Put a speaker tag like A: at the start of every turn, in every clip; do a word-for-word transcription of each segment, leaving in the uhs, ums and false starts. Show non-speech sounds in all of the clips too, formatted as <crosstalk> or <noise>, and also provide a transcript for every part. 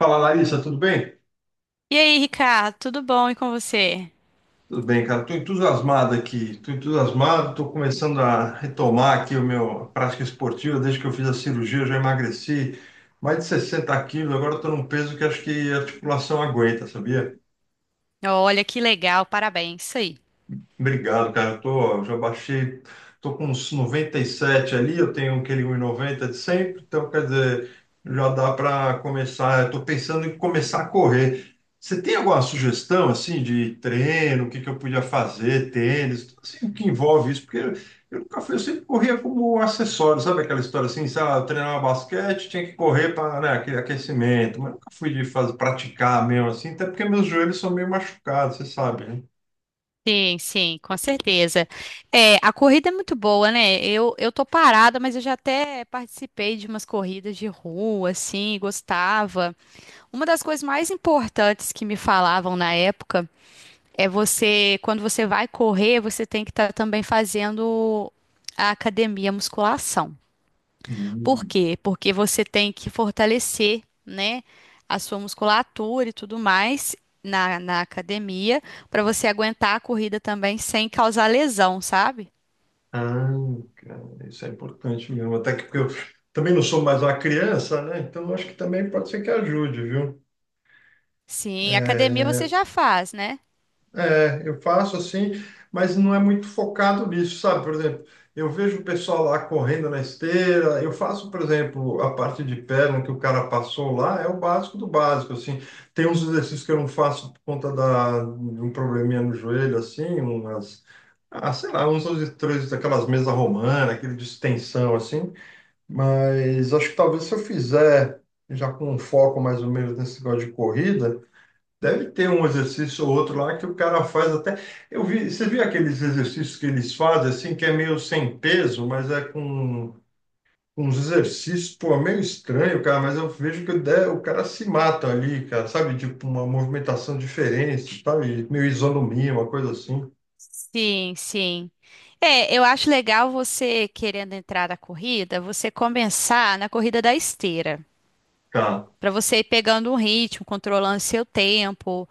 A: Fala, Larissa, tudo bem?
B: E aí, Ricardo, tudo bom e com você?
A: Tudo bem, cara. Estou entusiasmado aqui. Estou entusiasmado, estou começando a retomar aqui o meu a prática esportiva. Desde que eu fiz a cirurgia, eu já emagreci mais de sessenta quilos. Agora estou num peso que acho que a articulação aguenta, sabia?
B: Olha que legal, parabéns, isso aí.
A: Obrigado, cara. Eu tô, já baixei, tô com uns noventa e sete ali, eu tenho aquele um e noventa de sempre, então quer dizer, já dá para começar. Eu tô pensando em começar a correr. Você tem alguma sugestão assim de treino, o que que eu podia fazer, tênis, tudo assim, o que envolve isso? Porque eu nunca fui, eu sempre corria como acessório, sabe aquela história assim, sei lá, eu treinava basquete, tinha que correr para, né, aquele aquecimento, mas nunca fui de fazer, praticar mesmo assim, até porque meus joelhos são meio machucados, você sabe, né?
B: Sim, sim, com certeza. É, a corrida é muito boa, né? Eu, eu tô parada, mas eu já até participei de umas corridas de rua, assim, gostava. Uma das coisas mais importantes que me falavam na época é você, quando você vai correr, você tem que estar também fazendo a academia, a musculação. Por
A: Hum.
B: quê? Porque você tem que fortalecer, né, a sua musculatura e tudo mais na, na academia para você aguentar a corrida também sem causar lesão, sabe?
A: Ah, cara, isso é importante mesmo. Até que porque eu também não sou mais uma criança, né? Então eu acho que também pode ser que ajude, viu?
B: Sim, academia você
A: É,
B: já faz, né?
A: é, eu faço assim, mas não é muito focado nisso, sabe? Por exemplo, eu vejo o pessoal lá correndo na esteira. Eu faço, por exemplo, a parte de perna que o cara passou lá, é o básico do básico, assim. Tem uns exercícios que eu não faço por conta da, de um probleminha no joelho, assim, umas. Ah, sei lá, uns dois, três daquelas mesas romanas, aquele de extensão, assim. Mas acho que talvez se eu fizer já com um foco mais ou menos nesse negócio de corrida, deve ter um exercício ou outro lá que o cara faz até. Eu vi, você viu aqueles exercícios que eles fazem assim, que é meio sem peso, mas é com com uns exercícios, pô, meio estranho, cara, mas eu vejo que o de- o cara se mata ali, cara, sabe? Tipo uma movimentação diferente, sabe? Meio isonomia, uma coisa assim.
B: Sim, sim. É, eu acho legal você querendo entrar na corrida, você começar na corrida da esteira.
A: Cara,
B: Para você ir pegando um ritmo, controlando seu tempo,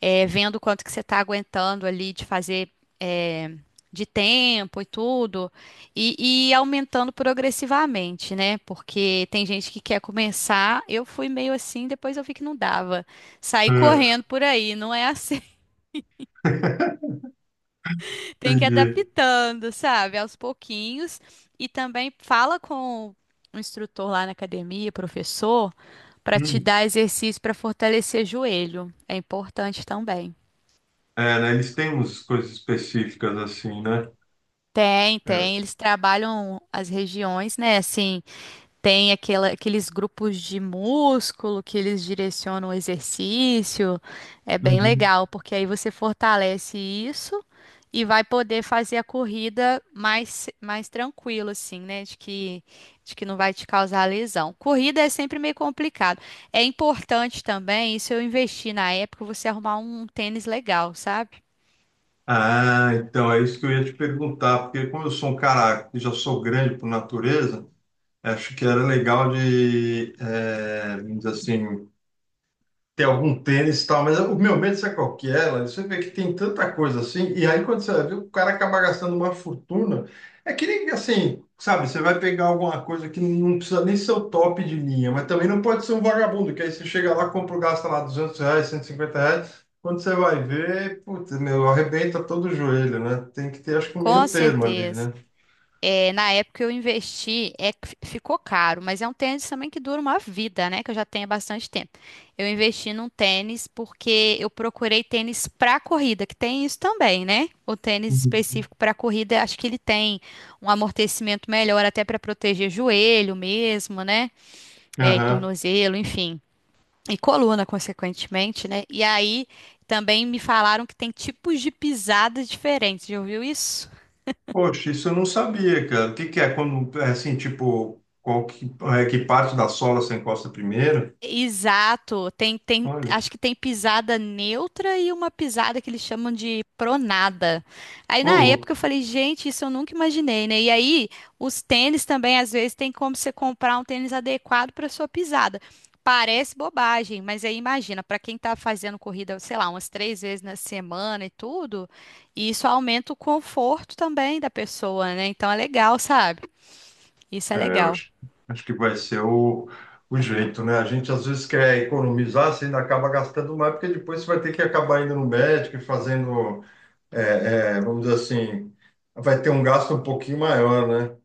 B: é, vendo quanto que você está aguentando ali de fazer é, de tempo e tudo, e, e aumentando progressivamente, né? Porque tem gente que quer começar, eu fui meio assim, depois eu vi que não dava. Saí
A: é,
B: correndo por aí, não é assim.
A: <laughs>
B: Tem que ir
A: entendi.
B: adaptando, sabe? Aos pouquinhos. E também fala com o instrutor lá na academia, professor, para te
A: Hum.
B: dar exercício para fortalecer joelho. É importante também.
A: É, né? Eles têm umas coisas específicas assim, né?
B: Tem, tem. Eles trabalham as regiões, né? Assim. Tem aquela- aqueles grupos de músculo que eles direcionam o exercício. É bem
A: Uhum.
B: legal, porque aí você fortalece isso e vai poder fazer a corrida mais, mais tranquilo, assim, né? De que, de que não vai te causar lesão. Corrida é sempre meio complicado. É importante também, isso eu investi na época, você arrumar um tênis legal, sabe?
A: Ah, então é isso que eu ia te perguntar, porque como eu sou um cara que já sou grande por natureza, acho que era legal de, eh, vamos dizer assim, tem algum tênis e tal, mas o meu medo, sabe qual que é, Larissa? Você vê que tem tanta coisa assim, e aí quando você vê, o cara acaba gastando uma fortuna. É que nem assim, sabe, você vai pegar alguma coisa que não precisa nem ser o top de linha, mas também não pode ser um vagabundo, que aí você chega lá, compra, gasta lá duzentos reais, cento e cinquenta reais, quando você vai ver, putz, meu, arrebenta todo o joelho, né? Tem que ter, acho que um
B: Com
A: meio termo ali,
B: certeza.
A: né?
B: É, na época eu investi, é, que fi- ficou caro, mas é um tênis também que dura uma vida, né? Que eu já tenho há bastante tempo. Eu investi num tênis porque eu procurei tênis para corrida, que tem isso também, né? O tênis específico para corrida, acho que ele tem um amortecimento melhor até para proteger joelho mesmo, né? É, e
A: Uhum.
B: tornozelo, enfim. E coluna, consequentemente, né? E aí também me falaram que tem tipos de pisadas diferentes. Já ouviu isso?
A: Poxa, isso eu não sabia, cara. O que que é quando, é assim, tipo, qual que, é, que parte da sola você encosta primeiro?
B: Exato, tem, tem,
A: Olha,
B: acho que tem pisada neutra e uma pisada que eles chamam de pronada. Aí
A: ô
B: na
A: louco.
B: época eu falei, gente, isso eu nunca imaginei, né? E aí os tênis também, às vezes, tem como você comprar um tênis adequado para sua pisada. Parece bobagem, mas aí imagina, para quem tá fazendo corrida, sei lá, umas três vezes na semana e tudo, isso aumenta o conforto também da pessoa, né? Então é legal, sabe? Isso é
A: É, eu
B: legal.
A: acho, acho que vai ser o, o jeito, né? A gente às vezes quer economizar, você ainda acaba gastando mais, porque depois você vai ter que acabar indo no médico e fazendo, é, é, vamos dizer assim, vai ter um gasto um pouquinho maior, né?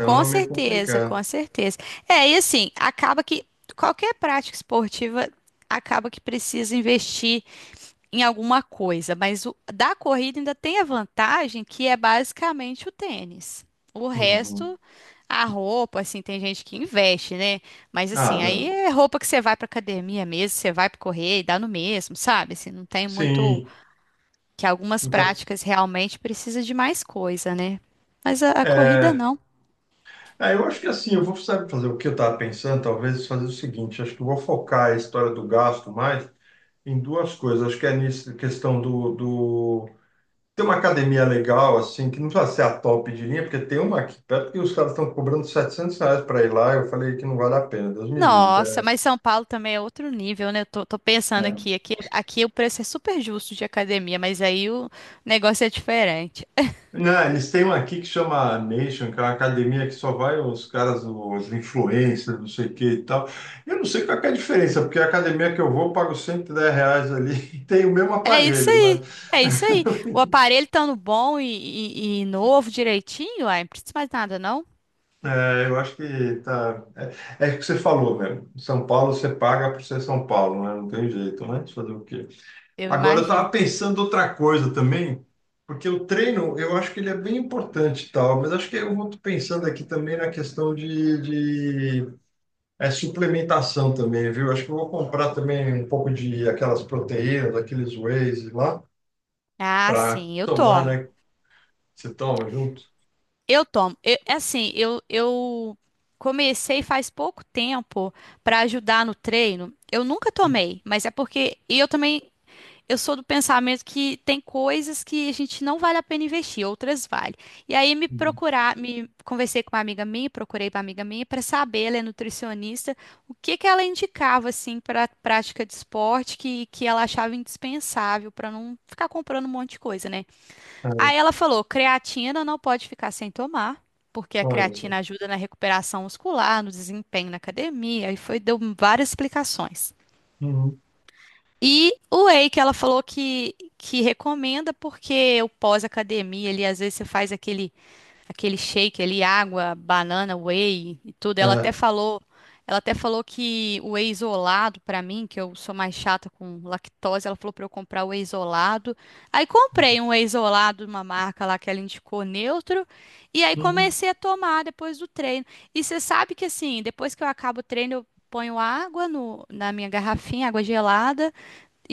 B: Com
A: é meio
B: certeza,
A: complicado.
B: com certeza. É, e assim, acaba que qualquer prática esportiva acaba que precisa investir em alguma coisa, mas o, da corrida ainda tem a vantagem que é basicamente o tênis. O
A: Uhum.
B: resto, a roupa, assim, tem gente que investe, né? Mas
A: Ah,
B: assim, aí
A: não.
B: é roupa que você vai pra academia mesmo, você vai pra correr e dá no mesmo, sabe? Assim, não tem muito
A: Sim.
B: que algumas
A: Muita,
B: práticas realmente precisa de mais coisa, né? Mas a a corrida
A: é,
B: não.
A: ah, eu acho que assim, eu vou sabe, fazer o que eu estava pensando, talvez fazer o seguinte, acho que eu vou focar a história do gasto mais em duas coisas. Acho que é nisso, questão do, do... Ter uma academia legal, assim, que não precisa ser a top de linha, porque tem uma aqui perto que os caras estão cobrando setecentos reais para ir lá, eu falei que não vale a pena, Deus me livre, que
B: Nossa,
A: é,
B: mas São Paulo também é outro nível, né? Eu tô, tô pensando
A: né?
B: aqui, aqui, aqui o preço é super justo de academia, mas aí o negócio é diferente.
A: Não, eles têm uma aqui que chama Nation, que é uma academia que só vai os caras, os influencers, não sei o que e tal. Eu não sei qual que é a diferença, porque a academia que eu vou, eu pago cento e dez reais ali <laughs> e tem o mesmo
B: É isso
A: aparelho,
B: aí,
A: mas
B: é isso aí. O
A: <laughs>
B: aparelho estando bom e, e- e novo direitinho, aí não precisa mais nada, não?
A: é, eu acho que tá. É, é o que você falou mesmo. São Paulo você paga por ser São Paulo, né? Não tem jeito, né? Deixa eu Fazer o quê?
B: Eu
A: Agora eu estava
B: imagino.
A: pensando outra coisa também, porque o treino eu acho que ele é bem importante e tal, mas acho que eu vou pensando aqui também na questão de, é suplementação também, viu? Acho que eu vou comprar também um pouco de aquelas proteínas, aqueles wheys lá,
B: Ah,
A: para
B: sim, eu
A: tomar,
B: tomo.
A: né? Você toma junto.
B: Eu tomo. Eu- é assim, eu, eu comecei faz pouco tempo para ajudar no treino. Eu nunca tomei, mas é porque. E eu também. Eu sou do pensamento que tem coisas que a gente não vale a pena investir, outras vale. E aí me
A: Uhum.
B: procurar, me conversei com uma amiga minha, procurei uma amiga minha para saber, ela é nutricionista, o que que ela indicava assim para prática de esporte que, que ela achava indispensável para não ficar comprando um monte de coisa, né? Aí
A: É,
B: ela falou, creatina não pode ficar sem tomar. Porque a
A: olha só.
B: creatina ajuda na recuperação muscular, no desempenho na academia, e foi, deu várias explicações.
A: Uhum.
B: E o whey que ela falou que, que recomenda porque o pós-academia ali, às vezes você faz aquele, aquele shake ali, água, banana, whey e tudo. Ela até
A: É.
B: falou, ela até falou que o whey isolado pra mim, que eu sou mais chata com lactose, ela falou pra eu comprar o whey isolado. Aí comprei um whey isolado de uma marca lá que ela indicou neutro, e aí
A: Uhum.
B: comecei a tomar depois do treino. E você sabe que assim, depois que eu acabo o treino, eu ponho água no, na minha garrafinha, água gelada.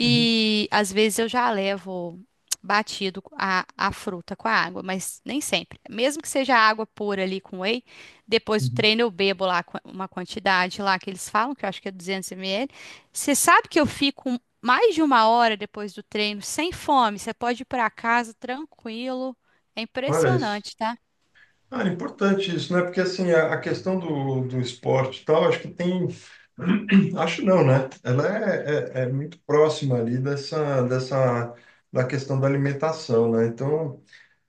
A: Uhum.
B: às vezes eu já levo batido a, a fruta com a água, mas nem sempre. Mesmo que seja água pura ali com whey, depois do
A: Uhum.
B: treino eu bebo lá qua- uma quantidade lá que eles falam, que eu acho que é duzentos mililitros. Você sabe que eu fico mais de uma hora depois do treino sem fome. Você pode ir para casa tranquilo. É
A: Olha isso.
B: impressionante, tá?
A: Ah, é importante isso, né? Porque assim, a, a questão do, do esporte e tal, acho que tem. <clears throat> Acho não, né? Ela é, é, é muito próxima ali dessa, dessa, da questão da alimentação, né? Então,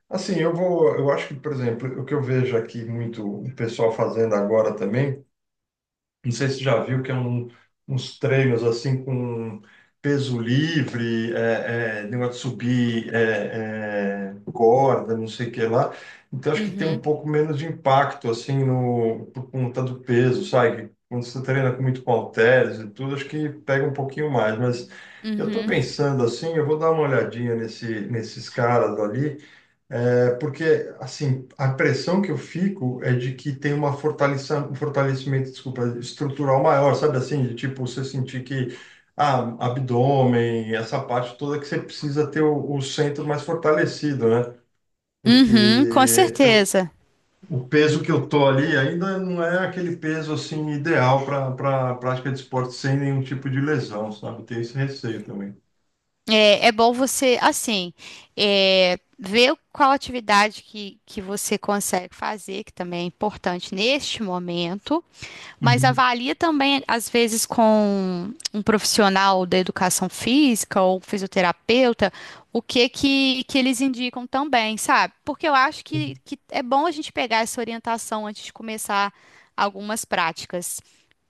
A: assim, eu vou, eu acho que, por exemplo, o que eu vejo aqui muito o pessoal fazendo agora também, não sei se já viu que é um, uns treinos assim com peso livre, é, é, negócio de subir é, é, corda, não sei o que lá. Então acho que tem um
B: Uhum,
A: pouco menos de impacto assim no por conta do peso, sabe? Quando você treina com muito com halteres e tudo, acho que pega um pouquinho mais. Mas eu estou
B: uhum,
A: pensando assim, eu vou dar uma olhadinha nesse, nesses caras ali. É porque, assim, a impressão que eu fico é de que tem uma fortaleça, um fortalecimento, desculpa, estrutural maior, sabe assim? De tipo, você sentir que, ah, abdômen, essa parte toda que você precisa ter o, o centro mais fortalecido, né? Porque
B: uhum, com
A: eu,
B: certeza.
A: o peso que eu tô ali ainda não é aquele peso, assim, ideal para para prática de esporte sem nenhum tipo de lesão, sabe? Tem esse receio também.
B: É, é bom você, assim, é, ver qual atividade que, que você consegue fazer, que também é importante neste momento mas
A: Uhum.
B: avalia também, às vezes, com um profissional da educação física ou fisioterapeuta, o que que, que eles indicam também, sabe? Porque eu acho que, que é bom a gente pegar essa orientação antes de começar algumas práticas.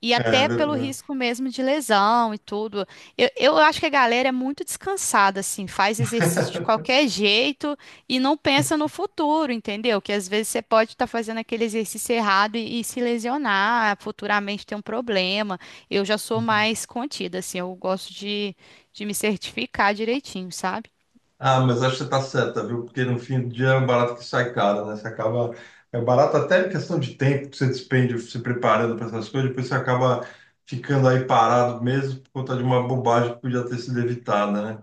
B: E
A: É,
B: até pelo
A: verdade.
B: risco mesmo de lesão e tudo. Eu, eu acho que a galera é muito descansada, assim, faz exercício de
A: <laughs>
B: qualquer jeito e não pensa no futuro, entendeu? Que às vezes você pode estar fazendo aquele exercício errado e, e se lesionar, futuramente ter um problema. Eu já sou mais contida, assim, eu gosto de, de me certificar direitinho, sabe?
A: Ah, mas acho que você está certa, viu? Porque no fim do dia é um barato que sai caro, né? Você acaba. É barato até em questão de tempo que você despende se preparando para essas coisas, depois você acaba ficando aí parado mesmo por conta de uma bobagem que podia ter sido evitada, né?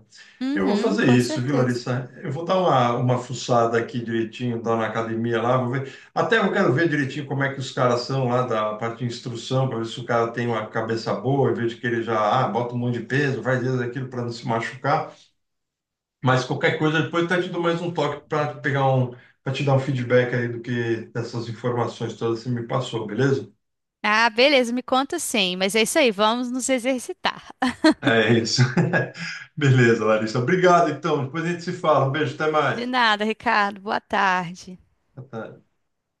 A: Eu vou
B: Uhum,
A: fazer
B: com
A: isso, viu,
B: certeza.
A: Larissa? Eu vou dar uma, uma, fuçada aqui direitinho, dar na academia lá, vou ver. Até eu quero ver direitinho como é que os caras são lá da parte de instrução, para ver se o cara tem uma cabeça boa, em vez de querer já, ah, bota um monte de peso, faz isso, aquilo para não se machucar. Mas qualquer coisa, depois eu até te dou mais um toque para pegar um, para te dar um feedback aí do que dessas informações todas que você me passou, beleza?
B: Ah, beleza, me conta sim, mas é isso aí, vamos nos exercitar.
A: É isso. <laughs> Beleza, Larissa. Obrigado, então. Depois a gente se fala. Um beijo, até mais.
B: De nada, Ricardo, boa tarde.
A: Até.